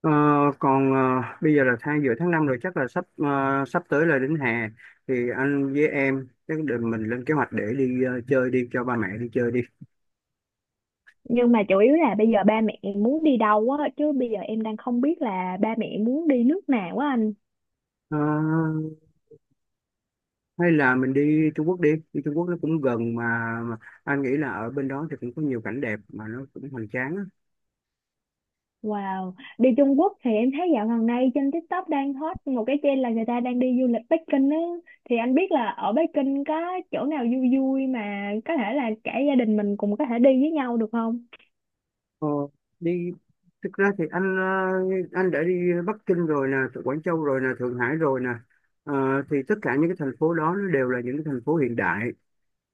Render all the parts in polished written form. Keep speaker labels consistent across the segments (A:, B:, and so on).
A: Ờ, còn ờ, bây giờ là giữa tháng 5 rồi, chắc là sắp tới là đến hè, thì anh với em chắc để mình lên kế hoạch để chơi, đi cho ba mẹ đi chơi đi.
B: Nhưng mà chủ yếu là bây giờ ba mẹ muốn đi đâu á, chứ bây giờ em đang không biết là ba mẹ muốn đi nước nào á anh.
A: Ờ, Hay là mình đi Trung Quốc đi Đi Trung Quốc nó cũng gần mà anh nghĩ là ở bên đó thì cũng có nhiều cảnh đẹp mà nó cũng hoành tráng á.
B: Wow, đi Trung Quốc thì em thấy dạo gần đây trên TikTok đang hot một cái trend là người ta đang đi du lịch Bắc Kinh á. Thì anh biết là ở Bắc Kinh có chỗ nào vui vui mà có thể là cả gia đình mình cùng có thể đi với nhau được không?
A: Ờ, đi Thực ra thì anh đã đi Bắc Kinh rồi nè, Quảng Châu rồi nè, Thượng Hải rồi nè. Ờ, thì tất cả những cái thành phố đó nó đều là những cái thành phố hiện đại,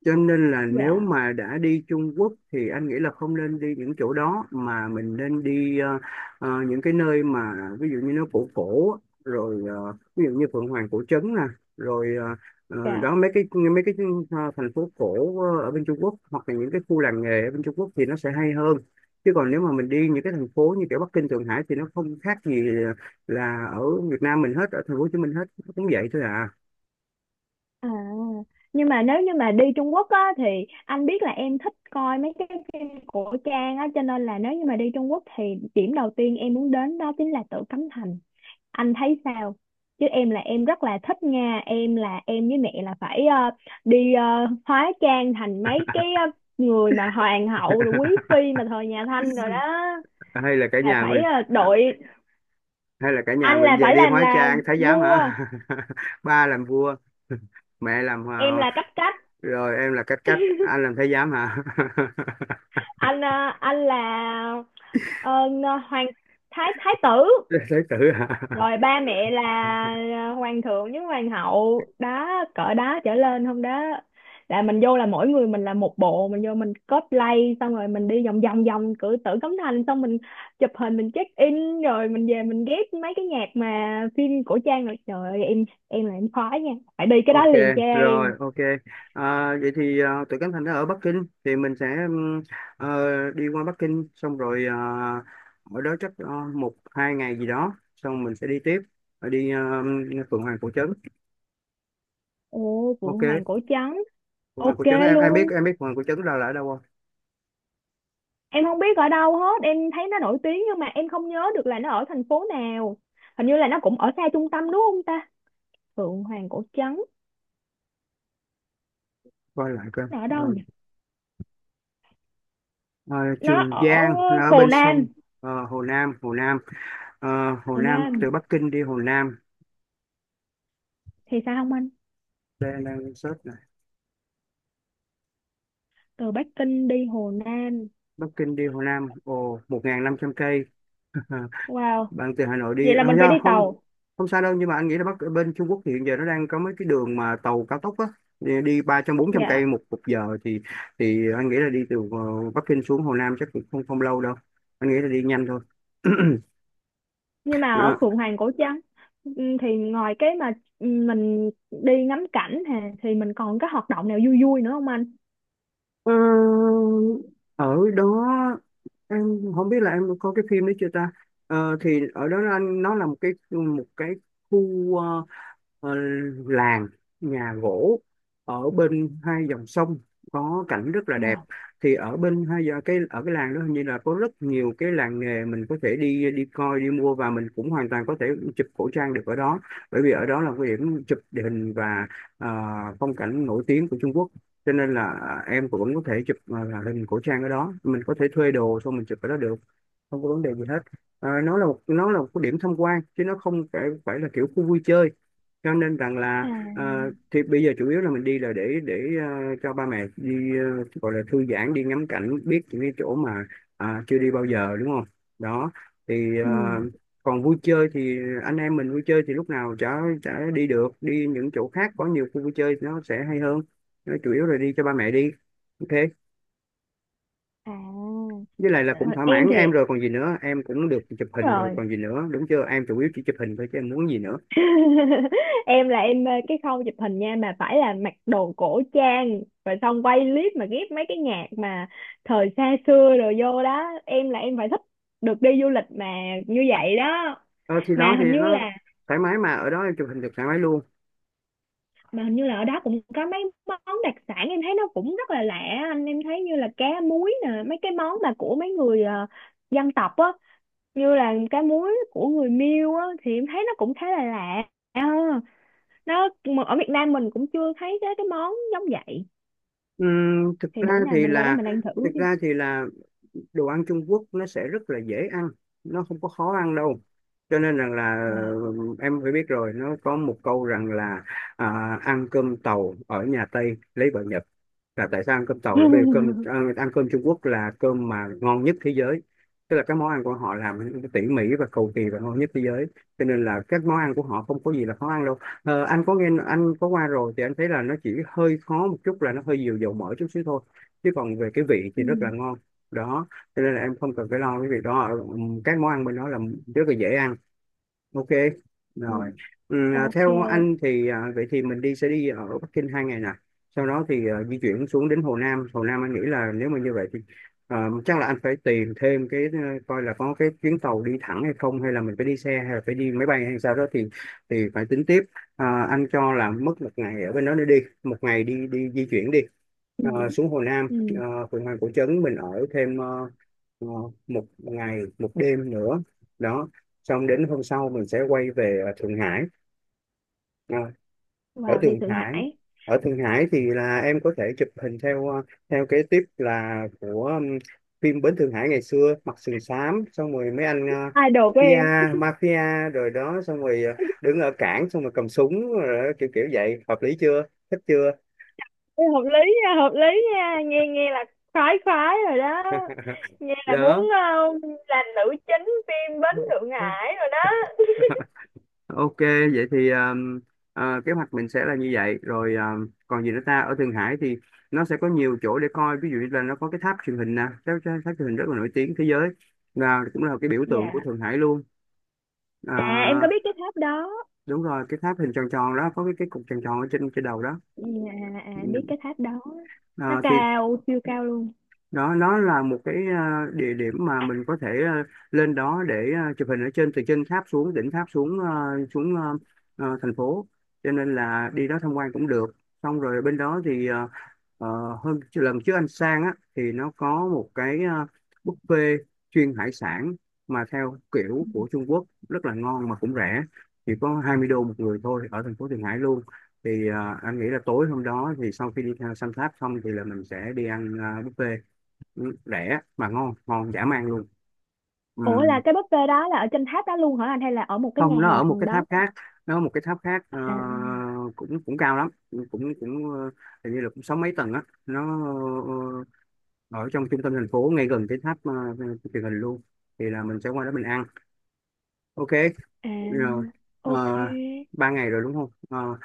A: cho nên là nếu
B: Dạ,
A: mà đã đi Trung Quốc thì anh nghĩ là không nên đi những chỗ đó mà mình nên đi những cái nơi mà ví dụ như nó cổ cổ, rồi ví dụ như Phượng Hoàng cổ trấn nè, rồi
B: dạ.
A: đó mấy cái thành phố cổ ở bên Trung Quốc hoặc là những cái khu làng nghề ở bên Trung Quốc thì nó sẽ hay hơn. Chứ còn nếu mà mình đi những cái thành phố như kiểu Bắc Kinh, Thượng Hải thì nó không khác gì là ở Việt Nam mình hết, ở thành phố Hồ Chí Minh hết nó cũng vậy thôi à.
B: À, nhưng mà nếu như mà đi Trung Quốc á, thì anh biết là em thích coi mấy cái phim cổ trang á, cho nên là nếu như mà đi Trung Quốc thì điểm đầu tiên em muốn đến đó chính là Tử Cấm Thành. Anh thấy sao? Chứ em là em rất là thích nha, em là em với mẹ là phải đi hóa trang thành mấy cái người mà hoàng hậu rồi quý phi mà thời nhà Thanh rồi đó
A: Hay là cả
B: là
A: nhà
B: phải
A: mình ờ,
B: đội,
A: hay là cả nhà
B: anh
A: mình
B: là
A: giờ
B: phải
A: đi
B: làm
A: hóa
B: là
A: trang thái giám
B: vua,
A: hả? Ba làm vua, mẹ làm
B: em là cấp cách,
A: rồi em là cách cách, anh làm thái giám hả?
B: anh ờ, anh là hoàng thái thái tử,
A: Thái tử hả?
B: rồi ba mẹ là à, hoàng thượng với hoàng hậu đó, cỡ đó trở lên không đó, là mình vô là mỗi người mình là một bộ, mình vô mình cosplay xong rồi mình đi vòng vòng vòng cửa tử cấm thành xong mình chụp hình mình check in rồi mình về mình ghép mấy cái nhạc mà phim cổ trang rồi trời ơi, em là em khoái nha, phải đi cái đó
A: Ok,
B: liền cho
A: rồi
B: em.
A: ok, à, vậy thì tụi Cánh Thành nó ở Bắc Kinh thì mình sẽ đi qua Bắc Kinh xong rồi ở đó chắc một hai ngày gì đó xong mình sẽ đi tiếp. Rồi đi Phượng Hoàng Cổ Trấn.
B: Ồ, phượng
A: Ok.
B: hoàng cổ trắng.
A: Phượng Hoàng
B: Ok
A: Cổ Trấn, em biết,
B: luôn.
A: em biết Phượng Hoàng Cổ Trấn đâu là ở đâu không?
B: Em không biết ở đâu hết, em thấy nó nổi tiếng nhưng mà em không nhớ được là nó ở thành phố nào, hình như là nó cũng ở xa trung tâm đúng không ta? Phượng Hoàng Cổ Trấn
A: Coi lại coi.
B: nó ở
A: Ờ.
B: đâu nhỉ?
A: Ờ,
B: Nó
A: Trường
B: ở
A: Giang là ở
B: Hồ
A: bên sông.
B: Nam.
A: Hồ Nam, Hồ Nam. Ờ, Hồ
B: Hồ
A: Nam,
B: Nam
A: từ Bắc Kinh đi Hồ Nam.
B: thì sao không anh?
A: Đây đang search này.
B: Từ Bắc Kinh đi Hồ Nam.
A: Bắc Kinh đi Hồ Nam, ồ 1.500 cây.
B: Wow,
A: Bạn từ Hà Nội đi
B: vậy là
A: à,
B: mình phải
A: do
B: đi
A: không.
B: tàu.
A: Không xa đâu, nhưng mà anh nghĩ là Bắc bên Trung Quốc thì hiện giờ nó đang có mấy cái đường mà tàu cao tốc á, đi đi 300 400 cây
B: Dạ.
A: một một giờ thì anh nghĩ là đi từ Bắc Kinh xuống Hồ Nam chắc cũng không không lâu đâu, anh nghĩ là đi nhanh thôi.
B: Nhưng mà ở
A: Ờ,
B: Phượng Hoàng Cổ Trấn, thì ngoài cái mà, mình đi ngắm cảnh hà thì mình còn cái hoạt động nào vui vui nữa không anh?
A: Ờ, Ở đó, em không biết là em có cái phim đấy chưa ta. Thì ở đó là nó là một cái khu ờ, làng nhà gỗ ở bên hai dòng sông có cảnh rất là đẹp.
B: Wow.
A: Thì ở bên hai giờ cái ở cái làng đó hình như là có rất nhiều cái làng nghề, mình có thể đi đi coi, đi mua, và mình cũng hoàn toàn có thể chụp cổ trang được ở đó, bởi vì ở đó là cái điểm chụp địa hình và ờ, phong cảnh nổi tiếng của Trung Quốc. Cho nên là à, em cũng vẫn có thể chụp, à, là lên cổ trang ở đó, mình có thể thuê đồ xong mình chụp ở đó được, không có vấn đề gì hết. À, nó là một cái điểm tham quan chứ nó không phải phải là kiểu khu vui chơi, cho nên rằng là ờ,
B: À.
A: thì bây giờ chủ yếu là mình đi là để cho ba mẹ đi gọi là thư giãn, đi ngắm cảnh, biết những cái chỗ mà à, chưa đi bao giờ, đúng không, đó. Thì
B: ừm,
A: còn vui chơi thì anh em mình vui chơi thì lúc nào chả chả đi được, đi những chỗ khác có nhiều khu vui chơi thì nó sẽ hay hơn, nó chủ yếu là đi cho ba mẹ đi. Ok.
B: À.
A: Với lại là
B: Ờ,
A: cũng thỏa
B: em
A: mãn
B: thì
A: em rồi còn gì nữa, em cũng được chụp
B: đúng
A: hình rồi
B: rồi.
A: còn gì nữa, đúng chưa, em chủ yếu chỉ chụp hình thôi chứ em muốn gì nữa.
B: em là em mê cái khâu chụp hình nha, mà phải là mặc đồ cổ trang rồi xong quay clip mà ghép mấy cái nhạc mà thời xa xưa, rồi vô đó em là em phải thích, được đi du lịch mà như vậy đó.
A: Ờ, thì
B: mà
A: đó thì
B: hình như
A: nó
B: là
A: thoải mái mà, ở đó em chụp hình được thoải mái luôn.
B: mà hình như là ở đó cũng có mấy món đặc sản em thấy nó cũng rất là lạ anh, em thấy như là cá muối nè, mấy cái món mà của mấy người dân tộc á, như là cá muối của người Miêu á thì em thấy nó cũng khá là lạ. Ờ. Nó mà ở Việt Nam mình cũng chưa thấy cái món giống vậy,
A: Ừm, thực
B: thì
A: ra
B: bữa nào
A: thì
B: mình qua đó
A: là
B: mình ăn thử
A: thực
B: chứ.
A: ra thì là đồ ăn Trung Quốc nó sẽ rất là dễ ăn, nó không có khó ăn đâu, cho nên rằng là
B: Wow.
A: em phải biết rồi, nó có một câu rằng là à, ăn cơm tàu ở nhà Tây lấy vợ Nhật, là tại sao ăn cơm tàu, là bởi vì ăn cơm Trung Quốc là cơm mà ngon nhất thế giới, tức là các món ăn của họ làm tỉ mỉ và cầu kỳ và ngon nhất thế giới, cho nên là các món ăn của họ không có gì là khó ăn đâu. Ờ, anh có nghe, anh có qua rồi thì anh thấy là nó chỉ hơi khó một chút là nó hơi nhiều dầu mỡ chút xíu thôi, chứ còn về cái vị thì
B: Ừ.
A: rất là ngon. Đó, cho nên là em không cần phải lo cái việc đó. Ờ, các món ăn bên đó là rất là dễ ăn. Ok
B: Ừ.
A: rồi.
B: Ok.
A: Theo anh thì à, vậy thì mình sẽ đi ở Bắc Kinh 2 ngày nè, sau đó thì à, di chuyển xuống đến Hồ Nam. Hồ Nam anh nghĩ là nếu mà như vậy thì à, chắc là anh phải tìm thêm cái coi là có cái chuyến tàu đi thẳng hay không, hay là mình phải đi xe, hay là phải đi máy bay hay sao đó thì phải tính tiếp. À, anh cho là mất một ngày ở bên đó để đi, một ngày đi đi di chuyển đi.
B: Ừ.
A: Ờ, xuống Hồ Nam.
B: Ừ.
A: Uh, Phượng Hoàng Cổ Trấn mình ở thêm ờ, một ngày một đêm nữa, đó. Xong đến hôm sau mình sẽ quay về Thượng Hải. Ờ, Ở
B: Wow, đi
A: Thượng
B: Thượng
A: Hải,
B: Hải.
A: ở Thượng Hải thì là em có thể chụp hình theo kế tiếp là của phim Bến Thượng Hải ngày xưa, mặc sừng xám xong rồi mấy
B: Idol của em.
A: Mafia, mafia rồi đó, xong rồi đứng ở cảng xong rồi cầm súng rồi đó, kiểu kiểu vậy, hợp lý chưa, thích chưa,
B: Ê, hợp lý nha, hợp lý nha, nghe nghe là khoái khoái rồi đó, nghe là muốn
A: đó.
B: làm nữ chính phim Bến Thượng Hải rồi đó.
A: Ok, vậy thì kế hoạch mình sẽ là như vậy. Rồi còn gì nữa ta? Ở Thượng Hải thì nó sẽ có nhiều chỗ để coi. Ví dụ như là nó có cái tháp truyền hình nè, tháp, tháp tháp truyền hình rất là nổi tiếng thế giới, là cũng là cái biểu tượng của
B: Dạ.
A: Thượng Hải luôn.
B: À, em có
A: À,
B: biết cái tháp đó.
A: đúng rồi, cái tháp hình tròn tròn đó, có cái cục tròn tròn ở trên trên đầu đó.
B: Dạ. À,
A: Ừ.
B: em biết cái tháp đó, nó
A: À, thì
B: cao siêu cao luôn.
A: đó, nó là một cái địa điểm mà mình có thể lên đó để chụp hình ở trên, từ trên tháp xuống, đỉnh tháp xuống xuống thành phố, cho nên là đi đó tham quan cũng được. Xong rồi bên đó thì ờ, hôm lần trước anh sang á thì nó có một cái buffet chuyên hải sản mà theo kiểu của Trung Quốc rất là ngon mà cũng rẻ, chỉ có 20 đô một người thôi, ở thành phố Thượng Hải luôn. Thì anh nghĩ là tối hôm đó thì sau khi đi theo Sun Tháp xong thì là mình sẽ đi buffet. Ừ, rẻ mà ngon, ngon dã man luôn. Ừ.
B: Ủa, là cái buffet đó là ở trên tháp đó luôn hả anh, hay là ở một cái nhà
A: Không, nó
B: hàng
A: ở một
B: gần
A: cái
B: đó?
A: tháp khác. Nó ở một cái tháp khác ờ,
B: À.
A: cũng cũng cao lắm, cũng cũng ờ, hình như là cũng sáu mấy tầng á nó, ờ, ở trong trung tâm thành phố ngay gần cái tháp truyền hình luôn. Thì là mình sẽ qua đó mình ăn. Ok,
B: À,
A: rồi. ờ,
B: ok.
A: Ba ngày rồi đúng không? Ờ,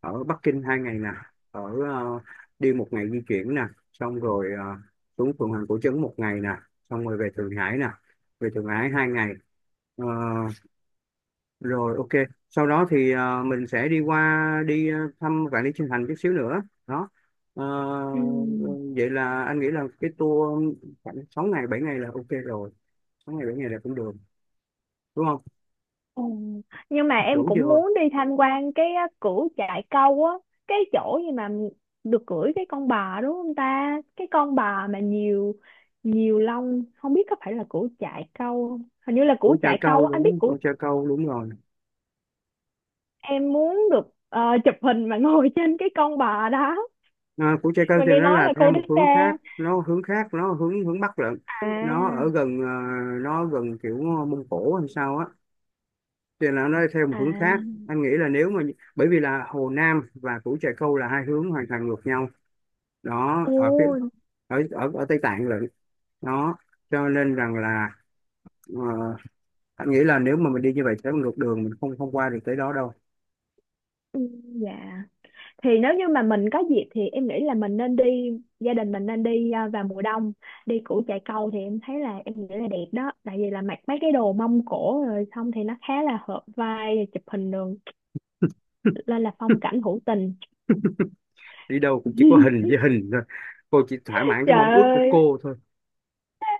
A: Ở Bắc Kinh hai ngày nè, ở ờ, đi một ngày di chuyển nè, xong rồi xuống phường Hoàng Cổ Trấn một ngày nè, xong rồi về Thượng Hải nè, về Thượng Hải hai ngày. Ờ, Rồi, ok. Sau đó thì mình sẽ đi qua đi thăm Vạn Lý Trường Thành chút xíu nữa. Đó. Ờ,
B: Ừ.
A: Vậy là anh nghĩ là cái tour khoảng 6 ngày 7 ngày là ok rồi, 6 ngày 7 ngày là cũng được, đúng không?
B: Ừ. Nhưng mà em
A: Đủ
B: cũng
A: chưa?
B: muốn đi tham quan cái á, cửu chạy câu á, cái chỗ gì mà được cưỡi cái con bò đúng không ta? Cái con bò mà nhiều nhiều lông, không biết có phải là cửu chạy câu không? Hình như là cửu
A: Củ Trà
B: chạy
A: Câu,
B: câu á, anh biết
A: đúng,
B: cửu.
A: Củ Trà Câu đúng rồi.
B: Em muốn được chụp hình mà ngồi trên cái con bò đó.
A: À, Củ Trà Câu
B: Mà
A: thì
B: nghe
A: nó
B: nói
A: là
B: là
A: theo
B: cô
A: một
B: đếch xa.
A: hướng khác, nó hướng khác, nó hướng hướng Bắc lận. Nó
B: À.
A: ở gần nó gần kiểu Mông Cổ hay sao á, thì là nó theo một
B: À.
A: hướng khác. Anh nghĩ là nếu mà, bởi vì là Hồ Nam và Củ Trà Câu là hai hướng hoàn toàn ngược nhau, đó ở phía
B: Ồ.
A: ở ở, ở Tây Tạng lận. Đó, cho nên rằng là ờ, anh nghĩ là nếu mà mình đi như vậy sẽ ngược đường, mình không không qua được tới đó đâu.
B: Ừ. Dạ. Thì nếu như mà mình có dịp thì em nghĩ là mình nên đi, gia đình mình nên đi à, vào mùa đông đi củ Chài Câu thì em thấy là em nghĩ là đẹp đó, tại vì là mặc mấy cái đồ mông cổ rồi xong thì nó khá là hợp vai chụp hình đường lên là phong cảnh hữu tình.
A: Đi đâu cũng chỉ có hình với hình thôi, cô chỉ thỏa mãn cái mong
B: Trời
A: ước của
B: ơi,
A: cô thôi.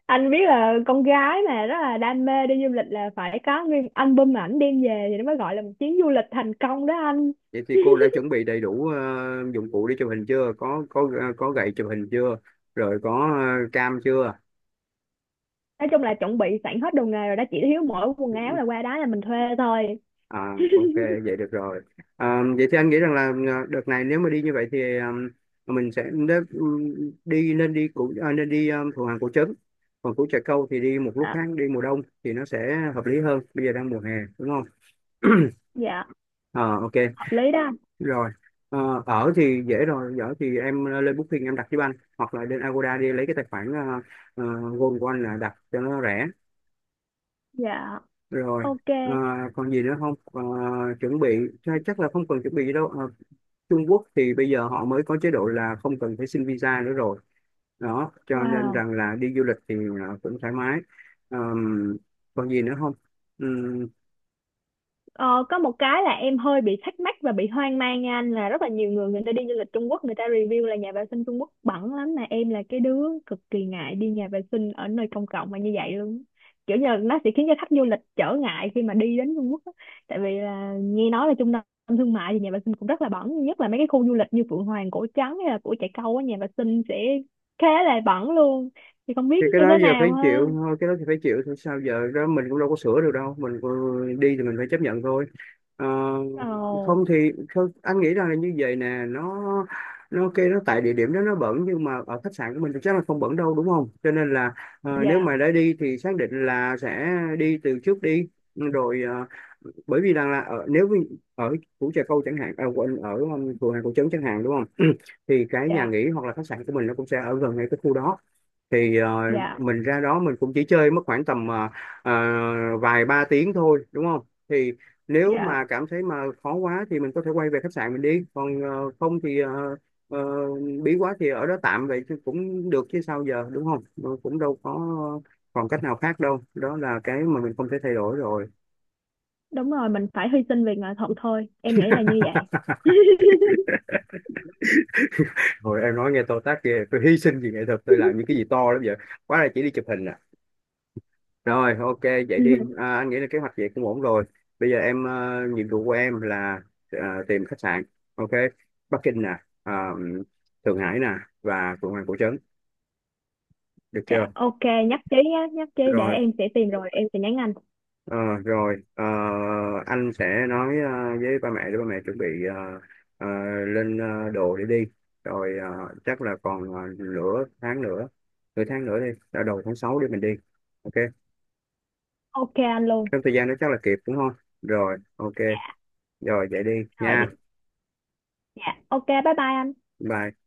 B: anh biết là con gái mà rất là đam mê đi du lịch là phải có nguyên album ảnh đem về thì nó mới gọi là một chuyến du lịch thành công đó anh.
A: Vậy thì cô đã chuẩn bị đầy đủ dụng cụ đi chụp hình chưa? Có có có gậy chụp hình chưa? Rồi, có cam chưa?
B: Nói chung là chuẩn bị sẵn hết đồ nghề rồi đó, chỉ thiếu mỗi quần áo là qua đó là mình thuê thôi.
A: À, ok, vậy được rồi. À, vậy thì anh nghĩ rằng là à, đợt này nếu mà đi như vậy thì à, mình sẽ đế- đi, nên đi củ, à, nên đi à, Thuận Hoàng Cổ Trấn, còn Củ Trà Câu thì đi một lúc
B: Đó.
A: khác, đi mùa đông thì nó sẽ hợp lý hơn, bây giờ đang mùa hè, đúng không?
B: Dạ,
A: Ờ, ok,
B: hợp lý đó anh.
A: rồi. Ở thì dễ rồi, ở thì em lên Booking em đặt giúp anh, hoặc là lên Agoda đi lấy cái tài khoản Gold của anh là đặt cho nó rẻ.
B: Dạ,
A: Rồi.
B: ok.
A: Ờ, Còn gì nữa không? Ờ, Chuẩn bị, chắc là không cần chuẩn bị gì đâu. Ờ, Trung Quốc thì bây giờ họ mới có chế độ là không cần phải xin visa nữa rồi, đó cho nên
B: Wow.
A: rằng là đi du lịch thì à, cũng thoải mái. Ờm, Còn gì nữa không? Ừm,
B: Ờ, có một cái là em hơi bị thắc mắc và bị hoang mang nha anh, là rất là nhiều người người ta đi du lịch Trung Quốc, người ta review là nhà vệ sinh Trung Quốc bẩn lắm, mà em là cái đứa cực kỳ ngại đi nhà vệ sinh ở nơi công cộng mà như vậy luôn, kiểu như là nó sẽ khiến cho khách du lịch trở ngại khi mà đi đến Trung Quốc á. Tại vì là nghe nói là trung tâm thương mại thì nhà vệ sinh cũng rất là bẩn, nhất là mấy cái khu du lịch như Phượng Hoàng Cổ Trắng hay là Cổ Chạy Câu á, nhà vệ sinh sẽ khá là bẩn luôn, thì không
A: thì
B: biết
A: cái
B: như
A: đó
B: thế
A: giờ
B: nào
A: phải chịu
B: hơn.
A: thôi, cái đó thì phải chịu thôi, sao giờ, đó mình cũng đâu có sửa được đâu, mình cũng- đi thì mình phải chấp nhận thôi. Ờ,
B: Ồ.
A: Không thì không, anh nghĩ rằng là như vậy nè, nó kêu nó tại địa điểm đó nó bẩn, nhưng mà ở khách sạn của mình thì chắc là không bẩn đâu, đúng không, cho nên là nếu
B: Dạ.
A: mà đã đi thì xác định là sẽ đi từ trước đi. Rồi bởi vì rằng là ở, nếu như ở Củ Trà Câu chẳng hạn, à, quên, ở phường Hàng Cầu Trấn chẳng hạn, đúng không? Thì cái nhà
B: Dạ.
A: nghỉ hoặc là khách sạn của mình nó cũng sẽ ở gần ngay cái khu đó, thì
B: Dạ.
A: mình ra đó mình cũng chỉ chơi mất khoảng tầm ờ, vài ba tiếng thôi, đúng không? Thì nếu
B: Dạ.
A: mà cảm thấy mà khó quá thì mình có thể quay về khách sạn mình đi, còn không thì ờ, bí quá thì ở đó tạm vậy chứ cũng được chứ sao giờ, đúng không? Ừ, cũng đâu có còn cách nào khác đâu, đó là cái mà mình không thể thay đổi rồi.
B: Đúng rồi, mình phải hy sinh vì nghệ thuật thôi em nghĩ là như vậy.
A: Hồi em nói nghe to tát ghê, tôi hy sinh vì nghệ thuật, tôi làm những cái gì to lắm vậy, quá là chỉ đi chụp hình à. Rồi, ok, vậy đi. À, anh nghĩ là kế hoạch vậy cũng ổn rồi. Bây giờ em, nhiệm vụ của em là ờ, tìm khách sạn. Ok, Bắc Kinh nè, ờ, Thượng Hải nè, và Phượng Hoàng Cổ Trấn. Được chưa?
B: Dạ, ok. Nhất trí nhé, nhất trí, để
A: Rồi,
B: em sẽ tìm rồi em sẽ nhắn anh.
A: ờ, rồi, anh sẽ nói với ba mẹ để ba mẹ chuẩn bị ờ, ờ, lên đồ để đi. Rồi chắc là còn nửa tháng nữa đi, là đầu tháng 6 để mình đi. Ok,
B: Ok anh luôn.
A: trong thời gian đó chắc là kịp đúng không? Rồi, ok, rồi vậy đi
B: Rồi thì.
A: nha.
B: Dạ, ok, bye bye anh.
A: Bye.